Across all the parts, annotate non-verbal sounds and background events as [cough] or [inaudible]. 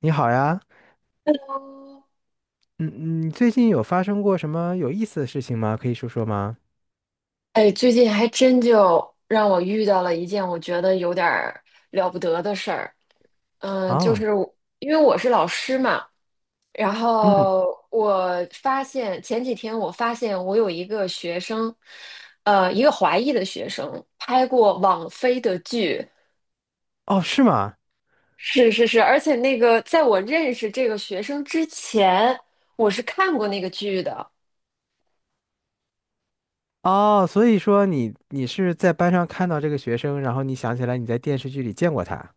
你好呀，嗯嗯，最近有发生过什么有意思的事情吗？可以说说吗？哎，最近还真就让我遇到了一件我觉得有点儿了不得的事儿。就哦。是因为我是老师嘛，然嗯。后我发现前几天我发现我有一个学生，一个华裔的学生拍过网飞的剧，哦，是吗？是是是，而且那个在我认识这个学生之前，我是看过那个剧的。哦，所以说你是在班上看到这个学生，然后你想起来你在电视剧里见过他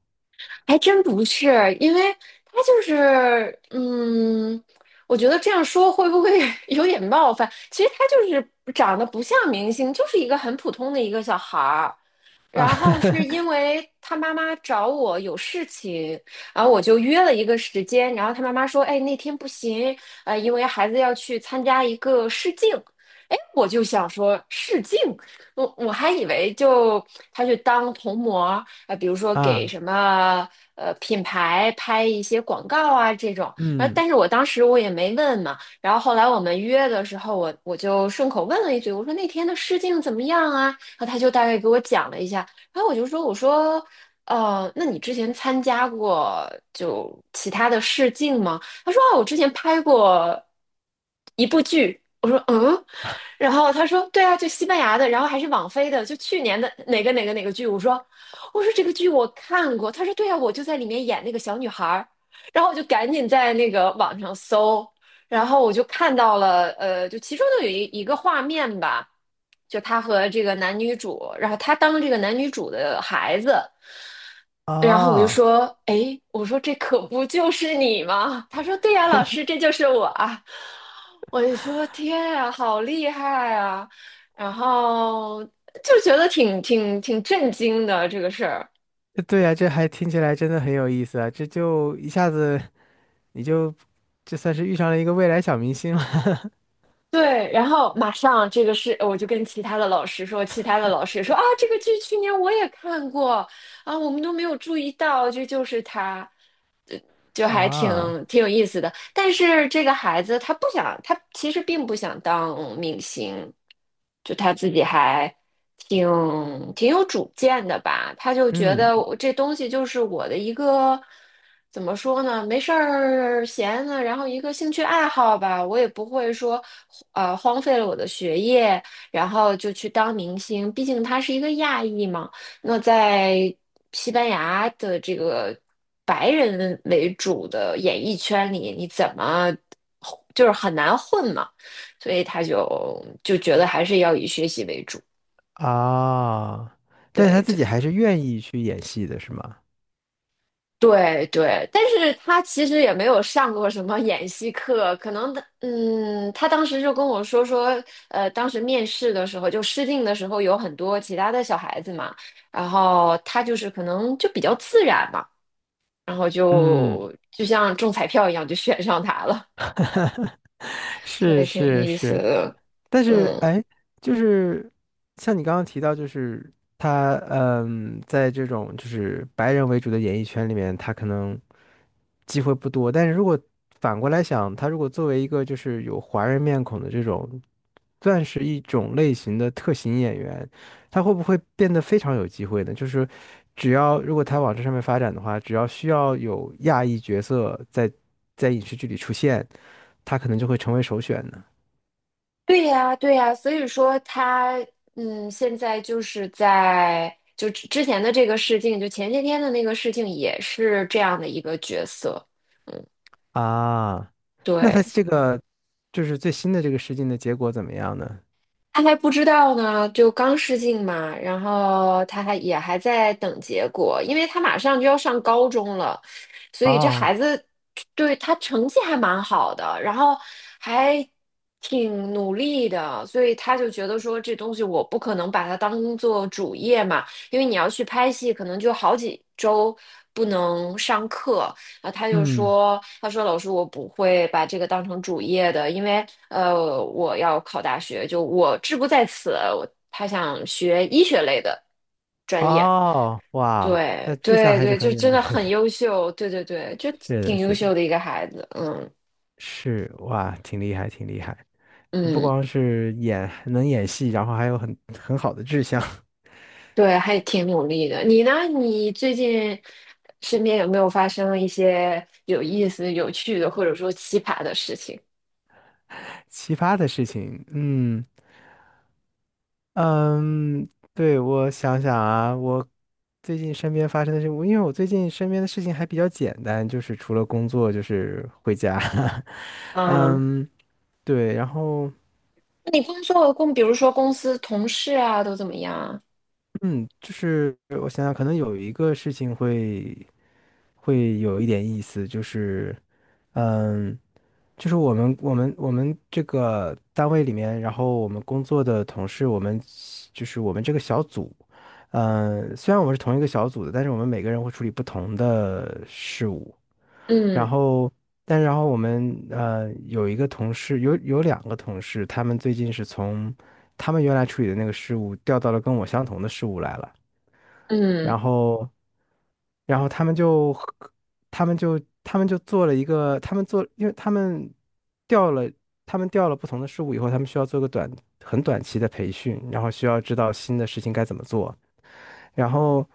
还真不是，因为他就是，嗯，我觉得这样说会不会 [laughs] 有点冒犯？其实他就是长得不像明星，就是一个很普通的一个小孩儿。啊。 然后是因为他妈妈找我有事情，然后我就约了一个时间，然后他妈妈说，哎，那天不行，因为孩子要去参加一个试镜。哎，我就想说试镜，我还以为他去当童模，比如 [laughs] 说给啊。什么品牌拍一些广告啊这种，嗯。但是我当时也没问嘛，然后后来我们约的时候，我就顺口问了一句，我说那天的试镜怎么样啊？然后他就大概给我讲了一下，然后我就说，那你之前参加过其他的试镜吗？他说，啊，我之前拍过一部剧。我说，嗯，然后他说对啊，就西班牙的，然后还是网飞的，就去年的哪个剧。我说这个剧我看过。他说对啊，我就在里面演那个小女孩儿。然后我就赶紧在那个网上搜，然后我就看到了，就其中的有一个画面吧，就他和这个男女主，然后他当这个男女主的孩子。然后我就哦。说，哎，我说这可不就是你吗？他说，对呀，老师，这就是我啊。我就说，天啊，好厉害啊！然后就觉得挺震惊的这个事儿。对呀，这还听起来真的很有意思啊，这就一下子你就这算是遇上了一个未来小明星了。 对，然后马上这个是，我就跟其他的老师说，其他的老师说啊，这个剧去年我也看过啊，我们都没有注意到，这就是他，就 [laughs] 还啊。挺有意思的。但是这个孩子他不想，他其实并不想当明星，就他自己还挺挺有主见的吧，他就觉嗯得我这东西就是我的一个怎么说呢，没事儿闲呢，然后一个兴趣爱好吧，我也不会说荒废了我的学业，然后就去当明星，毕竟他是一个亚裔嘛，那在西班牙的这个白人为主的演艺圈里，你怎么就是很难混嘛。所以他就觉得还是要以学习为主。啊。但是他对自己对还是愿意去演戏的，是吗？对对，但是他其实也没有上过什么演戏课，可能的，嗯，他当时就跟我说，当时面试的时候就试镜的时候有很多其他的小孩子嘛，然后他就是可能就比较自然嘛，然后嗯。就像中彩票一样就选上他了。[laughs] 这是也挺有是意思是。的，但是嗯。哎，就是像你刚刚提到，就是他嗯，在这种就是白人为主的演艺圈里面，他可能机会不多。但是如果反过来想，他如果作为一个就是有华人面孔的这种，算是一种类型的特型演员，他会不会变得非常有机会呢？就是只要如果他往这上面发展的话，只要需要有亚裔角色在影视剧里出现。他可能就会成为首选呢。对呀，对呀，所以说他，嗯，现在就是在之前的这个事情，就前些天的那个事情，也是这样的一个角色。啊。那他对，这个就是最新的这个试镜的结果怎么样呢？他还不知道呢，就刚试镜嘛，然后他还也还在等结果，因为他马上就要上高中了，所以这哦。孩子对他成绩还蛮好的，然后还挺努力的，所以他就觉得说这东西我不可能把它当做主业嘛，因为你要去拍戏，可能就好几周不能上课。啊，他就嗯。说，他说老师，我不会把这个当成主业的，因为我要考大学，就我志不在此。他想学医学类的专业，哦，哇，那对志向对还是对，很就远真的。的很 [laughs] 优秀，对对对，就是的，挺优是的。秀的一个孩子，嗯是哇，挺厉害，挺厉害。不嗯，光是演能演戏，然后还有很好的志向。对，还挺努力的。你呢？你最近身边有没有发生一些有意思、有趣的，或者说奇葩的事情？[laughs] 奇葩的事情，嗯，嗯，对，我想想啊。我最近身边发生的事，我因为我最近身边的事情还比较简单，就是除了工作就是回家。[laughs] 嗯。嗯，对，然后。你工作说我公，比如说公司同事啊，都怎么样啊？嗯，就是我想想，可能有一个事情会会有一点意思，就是嗯，就是我们这个单位里面，然后我们工作的同事，我们就是我们这个小组，嗯，虽然我们是同一个小组的，但是我们每个人会处理不同的事务，然嗯后。但然后我们有一个同事，有两个同事，他们最近是从他们原来处理的那个事务调到了跟我相同的事务来了。嗯然后，然后他们就和他们就，他们就做了一个，他们做，因为他们调了，他们调了不同的事物以后，他们需要做个短，很短期的培训，然后需要知道新的事情该怎么做。然后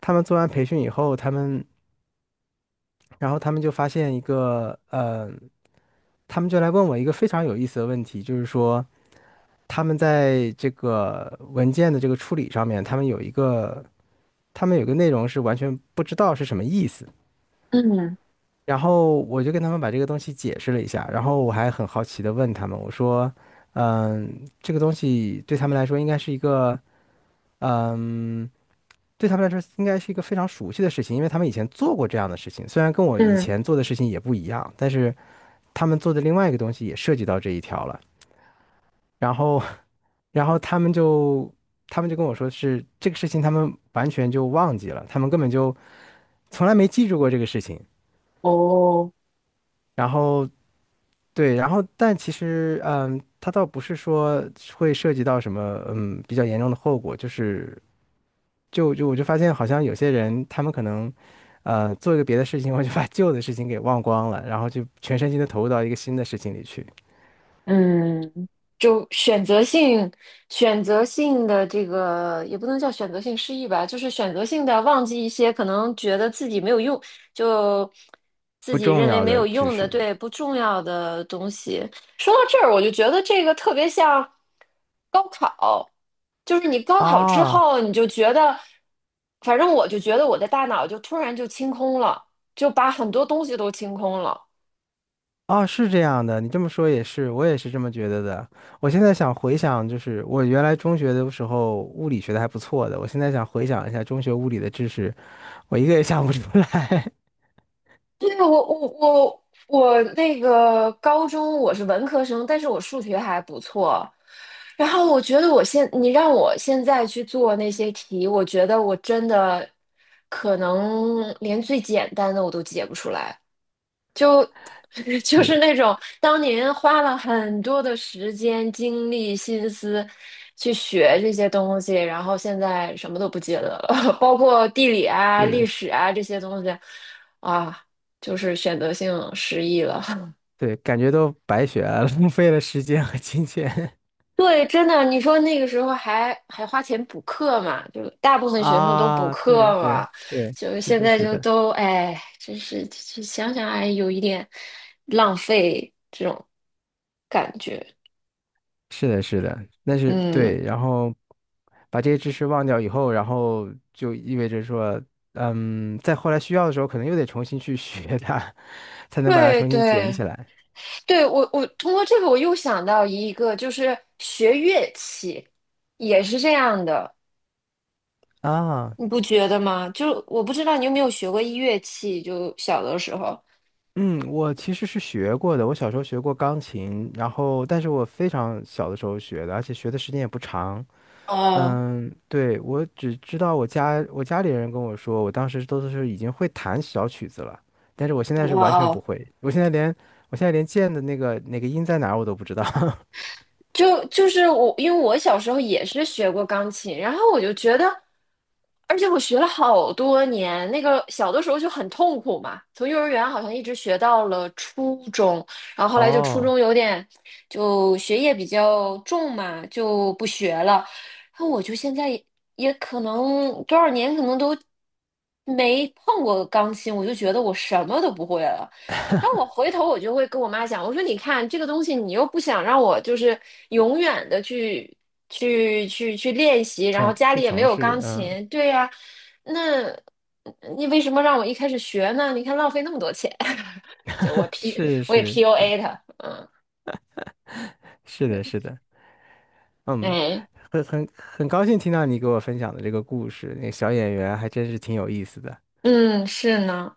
他们做完培训以后，他们，然后他们就发现一个，他们就来问我一个非常有意思的问题，就是说，他们在这个文件的这个处理上面，他们有一个，他们有一个内容是完全不知道是什么意思。嗯然后我就跟他们把这个东西解释了一下，然后我还很好奇的问他们，我说，嗯，这个东西对他们来说应该是一个，嗯，对他们来说应该是一个非常熟悉的事情，因为他们以前做过这样的事情，虽然跟我以嗯，前做的事情也不一样，但是他们做的另外一个东西也涉及到这一条了。然后，[laughs] 然后他们就，他们就跟我说是这个事情，他们完全就忘记了，他们根本就从来没记住过这个事情。哦，然后对，然后但其实，嗯，它倒不是说会涉及到什么，嗯，比较严重的后果，就是就我就发现好像有些人他们可能，做一个别的事情，我就把旧的事情给忘光了，然后就全身心的投入到一个新的事情里去。嗯，就选择性、选择性的这个也不能叫选择性失忆吧，就是选择性的忘记一些可能觉得自己没有用，就自不己重认为要没的有知用的，识。对，不重要的东西。说到这儿，我就觉得这个特别像高考，就是你高考之啊。后，你就觉得，反正我就觉得我的大脑就突然就清空了，就把很多东西都清空了。啊，是这样的，你这么说也是，我也是这么觉得的。我现在想回想，就是我原来中学的时候物理学的还不错的，我现在想回想一下中学物理的知识，我一个也想不出来。对啊，我那个高中我是文科生，但是我数学还不错。然后我觉得你让我现在去做那些题，我觉得我真的可能连最简单的我都解不出来。[laughs] 就是那是。种当年花了很多的时间、精力、心思去学这些东西，然后现在什么都不记得了，[laughs] 包括地理啊、是历的，史啊这些东西，啊，就是选择性失忆了。对，感觉都白学了。[laughs] 浪费了时间和金钱。 [laughs] 对，真的，你说那个时候还花钱补课嘛？就大部 [laughs] 分学生都补啊！对课对嘛，对，就是现的，在是就的。都哎，真是就想想哎，有一点浪费这种感觉，是的，是的，那是嗯。对。然后把这些知识忘掉以后，然后就意味着说，嗯，在后来需要的时候，可能又得重新去学它，[laughs] 才能把它对重新捡对起来对，我通过这个我又想到一个，就是学乐器也是这样的，啊。你不觉得吗？就我不知道你有没有学过乐器，就小的时候。嗯，我其实是学过的，我小时候学过钢琴，然后但是我非常小的时候学的，而且学的时间也不长。哦嗯，对，我只知道我家里人跟我说，我当时都是已经会弹小曲子了，但是我现在是哦完全不哦，会，我现在连我现在连键的那个那个音在哪儿我都不知道。[laughs] 就是我，因为我小时候也是学过钢琴，然后我就觉得，而且我学了好多年，那个小的时候就很痛苦嘛，从幼儿园好像一直学到了初中，然后后来就初哦，中有点就学业比较重嘛，就不学了，然后我就现在也也可能多少年可能都没碰过钢琴，我就觉得我什么都不会了。然后我回头我就会跟我妈讲，我说你看这个东西，你又不想让我就是永远的去练习，然后从家去里也没从有事，钢嗯，琴，对呀、那你为什么让我一开始学呢？你看浪费那么多钱，[laughs] 就是。我也 是 PUA 他，嗯，是的，是的。嗯，哎，很高兴听到你给我分享的这个故事，那个小演员还真是挺有意思的。嗯，是呢，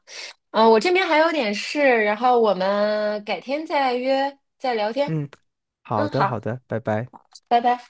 嗯，我这边还有点事，然后我们改天再约再聊天，嗯，好嗯，的好，好的，拜拜。拜拜。